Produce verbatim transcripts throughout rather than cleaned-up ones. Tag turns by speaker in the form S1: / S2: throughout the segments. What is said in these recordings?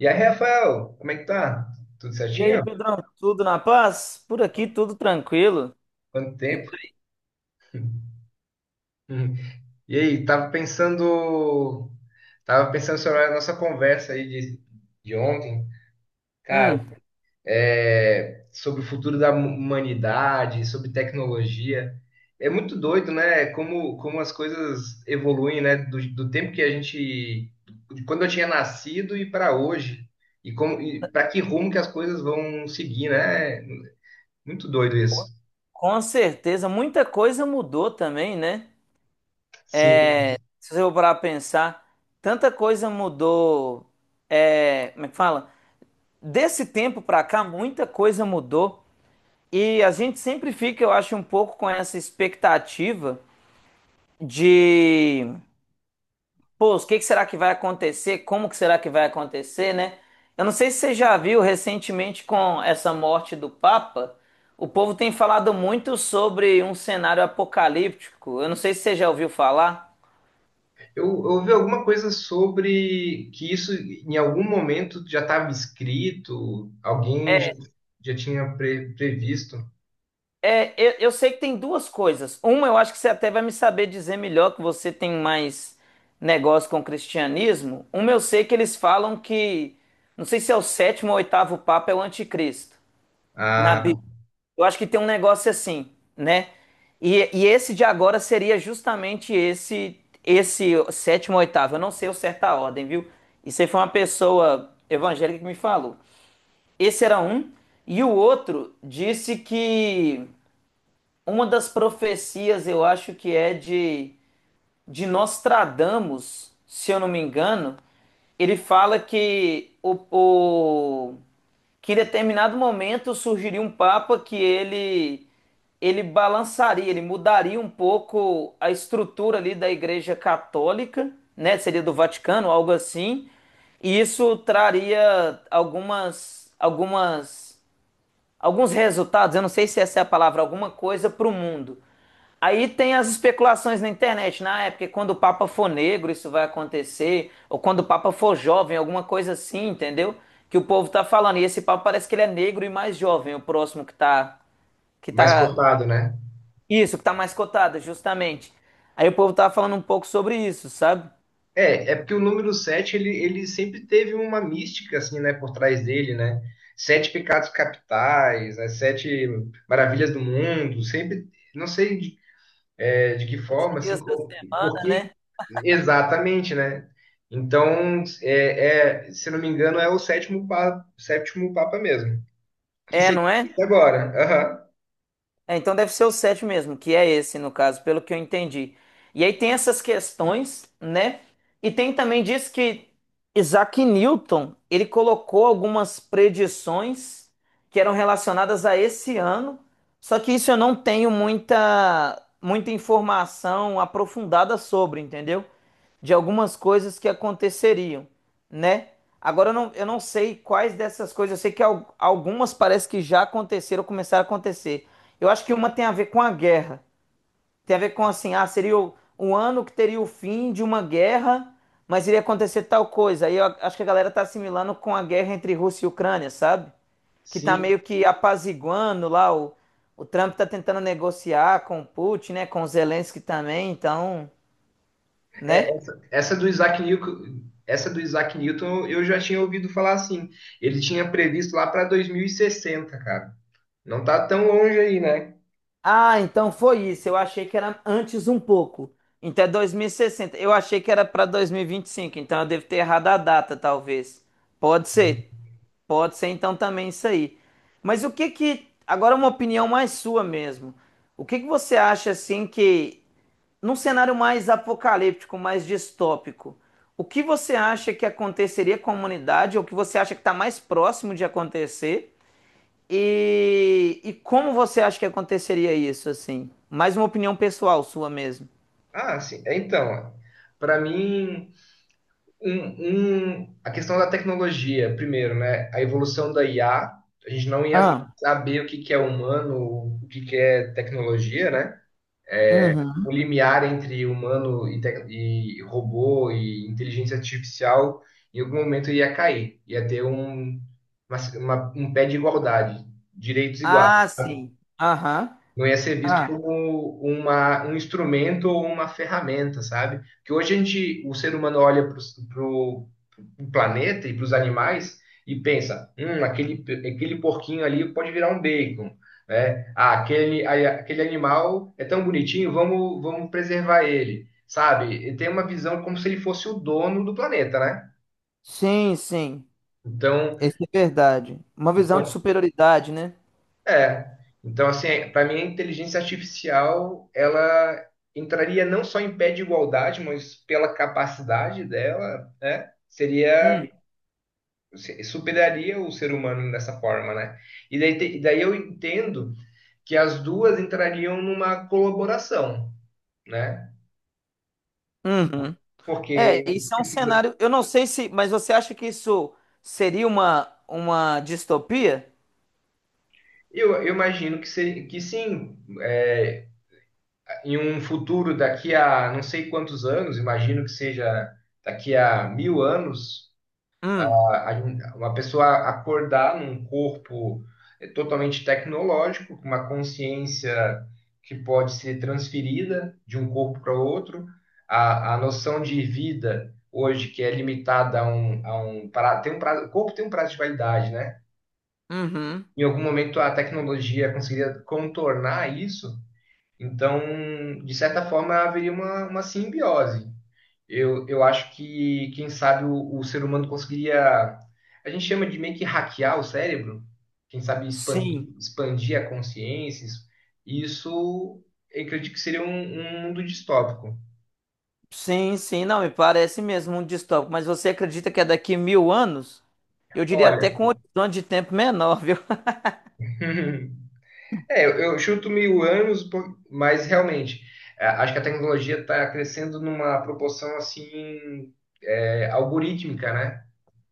S1: E aí, Rafael, como é que tá? Tudo
S2: E aí,
S1: certinho?
S2: Pedrão, tudo na paz? Por aqui tudo tranquilo.
S1: Quanto
S2: E
S1: tempo?
S2: por aí?
S1: Hum. E aí, tava pensando, tava pensando sobre a nossa conversa aí de, de ontem, cara,
S2: Hum,
S1: é, sobre o futuro da humanidade, sobre tecnologia. É muito doido, né? Como, como as coisas evoluem, né? Do, do tempo que a gente, de quando eu tinha nascido e para hoje, e como, e para que rumo que as coisas vão seguir, né? Muito doido isso.
S2: com certeza, muita coisa mudou também, né?
S1: Sim.
S2: Se você for parar pra pensar, tanta coisa mudou. É, como é que fala? Desse tempo pra cá, muita coisa mudou. E a gente sempre fica, eu acho, um pouco com essa expectativa de pô, o que que será que vai acontecer? Como que será que vai acontecer, né? Eu não sei se você já viu recentemente com essa morte do Papa, o povo tem falado muito sobre um cenário apocalíptico. Eu não sei se você já ouviu falar.
S1: Eu eu ouvi alguma coisa sobre que isso em algum momento já estava escrito, alguém já, já tinha pre- previsto.
S2: É, eu, eu sei que tem duas coisas. Uma, eu acho que você até vai me saber dizer melhor, que você tem mais negócio com o cristianismo. Uma, eu sei que eles falam que, não sei se é o sétimo ou oitavo Papa, é o anticristo, na Bíblia.
S1: Ah,
S2: Eu acho que tem um negócio assim, né? E, e esse de agora seria justamente esse esse sétimo, oitavo. Eu não sei o certo a ordem, viu? Isso aí foi uma pessoa evangélica que me falou. Esse era um, e o outro disse que uma das profecias, eu acho que é de de Nostradamus, se eu não me engano, ele fala que o, o- que em determinado momento surgiria um papa que ele ele balançaria, ele mudaria um pouco a estrutura ali da Igreja Católica, né? Seria do Vaticano, algo assim. E isso traria algumas algumas alguns resultados, eu não sei se essa é a palavra, alguma coisa para o mundo. Aí tem as especulações na internet, na época, quando o Papa for negro, isso vai acontecer, ou quando o Papa for jovem, alguma coisa assim, entendeu? Que o povo tá falando. E esse Papa parece que ele é negro e mais jovem, o próximo que tá, que
S1: mais
S2: tá,
S1: cotado, né?
S2: isso, que tá mais cotado, justamente. Aí o povo tava falando um pouco sobre isso, sabe?
S1: É, é porque o número sete ele, ele sempre teve uma mística, assim, né, por trás dele, né? Sete pecados capitais, né? Sete maravilhas do mundo, sempre, não sei. É, de que
S2: Sete
S1: forma, assim,
S2: dias da
S1: como,
S2: semana,
S1: porque
S2: né?
S1: exatamente, né? Então, é, é, se não me engano, é o sétimo papa, sétimo papa mesmo, que
S2: É,
S1: seria
S2: não é?
S1: esse agora. Aham.
S2: É, então deve ser o sete mesmo, que é esse no caso, pelo que eu entendi. E aí tem essas questões, né? E tem também diz que Isaac Newton, ele colocou algumas predições que eram relacionadas a esse ano, só que isso eu não tenho muita muita informação aprofundada sobre, entendeu? De algumas coisas que aconteceriam, né? Agora eu não, eu não sei quais dessas coisas, eu sei que al- algumas parece que já aconteceram, começaram a acontecer. Eu acho que uma tem a ver com a guerra, tem a ver com assim, ah, seria o, um ano que teria o fim de uma guerra, mas iria acontecer tal coisa. Aí eu a- acho que a galera tá assimilando com a guerra entre Rússia e Ucrânia, sabe? Que tá
S1: Sim.
S2: meio que apaziguando lá, o, o Trump tá tentando negociar com o Putin, né, com o Zelensky também, então,
S1: É,
S2: né?
S1: essa, essa do Isaac Newton, essa do Isaac Newton eu já tinha ouvido falar assim. Ele tinha previsto lá para dois mil e sessenta, cara. Não tá tão longe aí, né?
S2: Ah, então foi isso. Eu achei que era antes um pouco. Então é dois mil e sessenta. Eu achei que era para dois mil e vinte e cinco. Então eu devo ter errado a data, talvez. Pode ser. Pode ser então também isso aí. Mas o que que, agora uma opinião mais sua mesmo. O que que você acha assim que num cenário mais apocalíptico, mais distópico, o que você acha que aconteceria com a humanidade ou o que você acha que está mais próximo de acontecer? E, e como você acha que aconteceria isso, assim? Mais uma opinião pessoal sua mesmo.
S1: Ah, sim. É, então, para mim Um, um, a questão da tecnologia, primeiro, né? A evolução da I A, a a gente não ia
S2: Ah,
S1: saber o que que é humano, o que que é tecnologia, né? É, o
S2: uhum.
S1: limiar entre humano e, tec- e robô e inteligência artificial, em algum momento ia cair, ia ter um, uma- uma- um pé de igualdade, direitos iguais.
S2: Ah, sim. Aham.
S1: Não ia ser visto
S2: Ah,
S1: como uma, um instrumento ou uma ferramenta, sabe? Que hoje a gente, o ser humano olha para o planeta e para os animais e pensa, hum, aquele, aquele porquinho ali pode virar um bacon, né? Ah, aquele, a- aquele animal é tão bonitinho, vamos, vamos preservar ele, sabe? E tem uma visão como se ele fosse o dono do planeta, né?
S2: sim, sim.
S1: Então,
S2: Isso é verdade. Uma visão de
S1: então,
S2: superioridade, né?
S1: É. Então, assim, para mim a inteligência artificial, ela entraria não só em pé de igualdade, mas pela capacidade dela, né? Seria,
S2: Hum.
S1: se- superaria o ser humano dessa forma, né? E daí, te- e daí eu entendo que as duas entrariam numa colaboração, né?
S2: Uhum.
S1: Porque
S2: É, isso é um
S1: precisa-
S2: cenário. Eu não sei se, mas você acha que isso seria uma, uma distopia?
S1: eu, eu imagino que, se, que sim, é, em um futuro daqui a não sei quantos anos, imagino que seja daqui a mil anos,
S2: Hum.
S1: a- uma pessoa acordar num corpo eh, totalmente tecnológico, com uma consciência que pode ser transferida de um corpo para outro, a, a noção de vida hoje que é limitada a um, a um prazo, tem um prazo, o corpo tem um prazo de validade, né?
S2: Uhum.
S1: Em algum momento a tecnologia conseguiria contornar isso, então, de certa forma, haveria uma, uma simbiose. Eu, eu acho que, quem sabe, o, o ser humano conseguiria. A gente chama de meio que hackear o cérebro, quem sabe
S2: Sim.
S1: expandir, expandir a consciência. Isso, isso eu acredito que seria um, um mundo distópico.
S2: Sim, sim, não, me parece mesmo um distópico, mas você acredita que é daqui mil anos? Eu diria até com um
S1: Olha,
S2: horizonte de tempo menor, viu?
S1: é, eu eu chuto mil anos, por- mas realmente, é, acho que a tecnologia está crescendo numa proporção assim, é, algorítmica, né?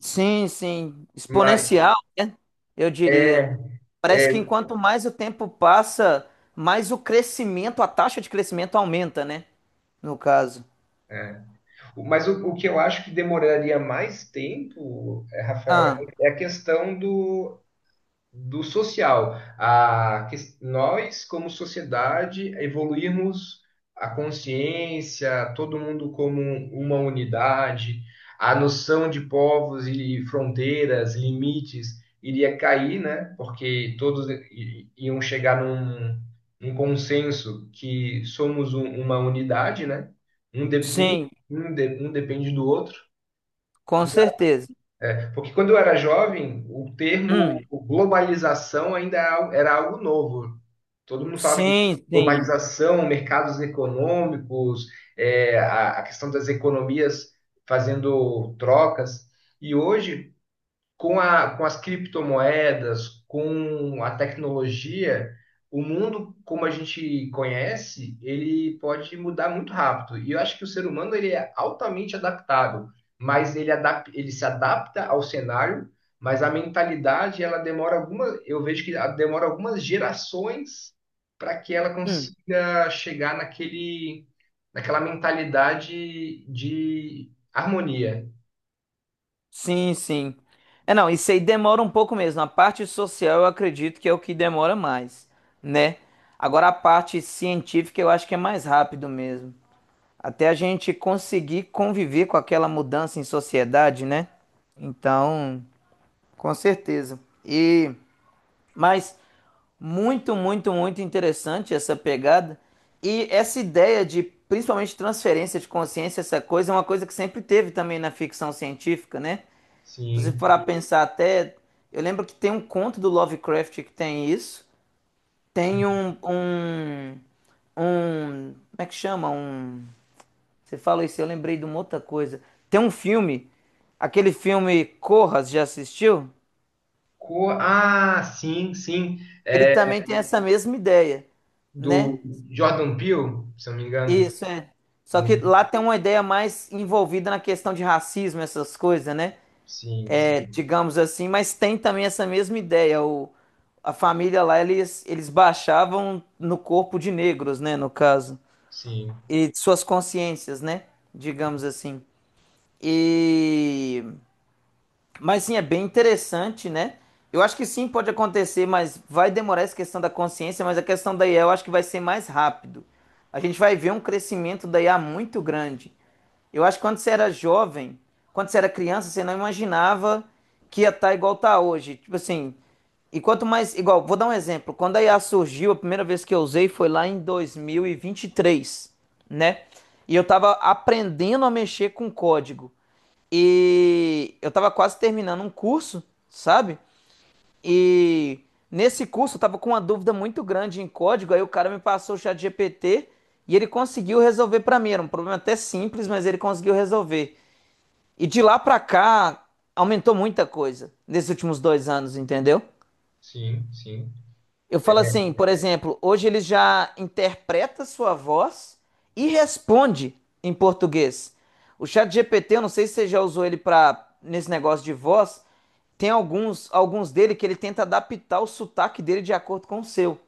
S2: Sim, sim,
S1: Mas,
S2: exponencial, né? Eu diria. Parece que
S1: é,
S2: enquanto mais o tempo passa, mais o crescimento, a taxa de crescimento aumenta, né? No caso.
S1: é, mas o, o que eu acho que demoraria mais tempo, eh, Rafael, é
S2: Ah,
S1: é a questão do, do social, a que nós, como sociedade, evoluirmos a consciência, todo mundo como uma unidade, a noção de povos e fronteiras, limites, iria cair, né? Porque todos i- iam chegar num, num consenso que somos um- uma unidade, né? Um, de- um,
S2: sim,
S1: um de- um depende do outro.
S2: com certeza.
S1: É, porque quando eu era jovem, o termo
S2: Hum,
S1: globalização ainda era algo era algo novo. Todo mundo falava de
S2: sim, sim.
S1: globalização, mercados econômicos, é, a, a questão das economias fazendo trocas. E hoje, com a, com as criptomoedas, com a tecnologia, o mundo como a gente conhece, ele pode mudar muito rápido. E eu acho que o ser humano ele é altamente adaptável, mas ele, adap ele se adapta ao cenário, mas a mentalidade ela demora alguma, eu vejo que ela demora algumas gerações para que ela
S2: Hum.
S1: consiga chegar naquele, naquela mentalidade de harmonia.
S2: Sim, sim. É, não, isso aí demora um pouco mesmo. A parte social eu acredito que é o que demora mais, né? Agora a parte científica eu acho que é mais rápido mesmo. Até a gente conseguir conviver com aquela mudança em sociedade, né? Então, com certeza. E, mas muito, muito, muito interessante essa pegada e essa ideia de principalmente transferência de consciência, essa coisa é uma coisa que sempre teve também na ficção científica, né? Se você
S1: Sim.
S2: for a pensar até. Eu lembro que tem um conto do Lovecraft que tem isso. Tem um. Um. Um como é que chama? Um. Você fala isso, eu lembrei de uma outra coisa. Tem um filme, aquele filme Corra, já assistiu?
S1: Co- Ah, sim, sim.
S2: Ele
S1: É
S2: também tem essa mesma ideia, né?
S1: do Jordan Peele, se eu não me engano.
S2: Isso, é. Só que
S1: Muito.
S2: lá tem uma ideia mais envolvida na questão de racismo, essas coisas, né?
S1: Sim, sim,
S2: Digamos assim, mas tem também essa mesma ideia. O, a família lá, eles, eles baixavam no corpo de negros, né, no caso,
S1: sim,
S2: e de suas consciências, né, digamos assim. E mas sim, é bem interessante, né? Eu acho que sim, pode acontecer, mas vai demorar essa questão da consciência, mas a questão da I A eu acho que vai ser mais rápido. A gente vai ver um crescimento da I a muito grande. Eu acho que quando você era jovem, quando você era criança, você não imaginava que ia estar igual tá hoje. Tipo assim, e quanto mais. Igual, vou dar um exemplo. Quando a I A surgiu, a primeira vez que eu usei foi lá em dois mil e vinte e três, né? E eu tava aprendendo a mexer com código. E eu tava quase terminando um curso, sabe? E nesse curso eu tava com uma dúvida muito grande em código, aí o cara me passou o chat G P T e ele conseguiu resolver para mim. Era um problema até simples, mas ele conseguiu resolver. E de lá para cá aumentou muita coisa nesses últimos dois anos, entendeu?
S1: sim, sim.
S2: Eu falo
S1: É.
S2: assim, por exemplo, hoje ele já interpreta sua voz e responde em português. O chat G P T, eu não sei se você já usou ele para nesse negócio de voz, tem alguns, alguns dele que ele tenta adaptar o sotaque dele de acordo com o seu,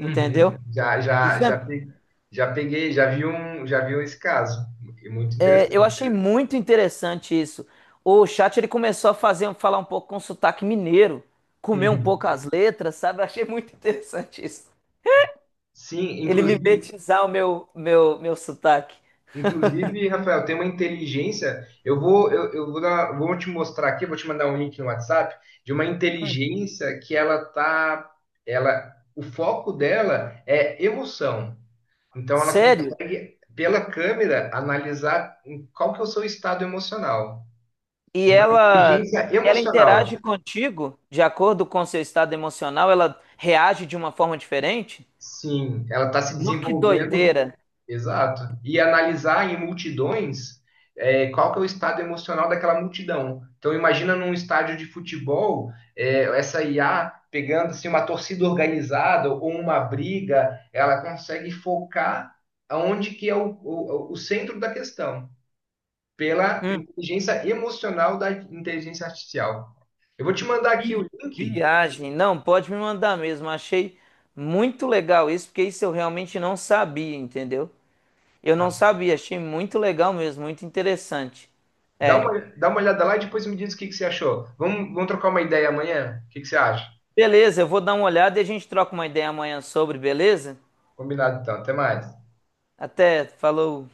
S2: entendeu?
S1: Já, já, já, pe- já peguei, já vi um, já vi esse caso. É muito
S2: É, eu
S1: interessante.
S2: achei muito interessante isso. O chat ele começou a fazer, falar um pouco com sotaque mineiro, comer um
S1: Uhum.
S2: pouco as letras, sabe? Eu achei muito interessante isso.
S1: Sim,
S2: Ele
S1: inclusive.
S2: mimetizar o meu, meu, meu sotaque.
S1: Inclusive, Rafael, tem uma inteligência. Eu vou, eu, eu vou dar, vou te mostrar aqui, vou te mandar um link no WhatsApp de uma inteligência que ela tá, ela, o foco dela é emoção. Então, ela
S2: Sério?
S1: consegue pela câmera analisar em qual que é o seu estado emocional.
S2: E
S1: E uma
S2: ela,
S1: inteligência
S2: ela
S1: emocional.
S2: interage contigo de acordo com seu estado emocional, ela reage de uma forma diferente?
S1: Sim, ela está se
S2: No que
S1: desenvolvendo.
S2: doideira.
S1: Exato. E analisar em multidões é, qual que é o estado emocional daquela multidão. Então imagina num estádio de futebol, é, essa I A pegando assim, uma torcida organizada ou uma briga, ela consegue focar aonde que é o, o, o centro da questão, pela
S2: Hum.
S1: inteligência emocional da inteligência artificial. Eu vou te mandar aqui o link,
S2: Viagem, não, pode me mandar mesmo. Achei muito legal isso, porque isso eu realmente não sabia, entendeu? Eu não
S1: tá?
S2: sabia, achei muito legal mesmo, muito interessante.
S1: dá
S2: É.
S1: uma, dá uma olhada lá e depois me diz o que, que você achou. Vamos, vamos trocar uma ideia amanhã? O que, que você acha?
S2: Beleza, eu vou dar uma olhada e a gente troca uma ideia amanhã sobre, beleza?
S1: Combinado então, até mais.
S2: Até, falou.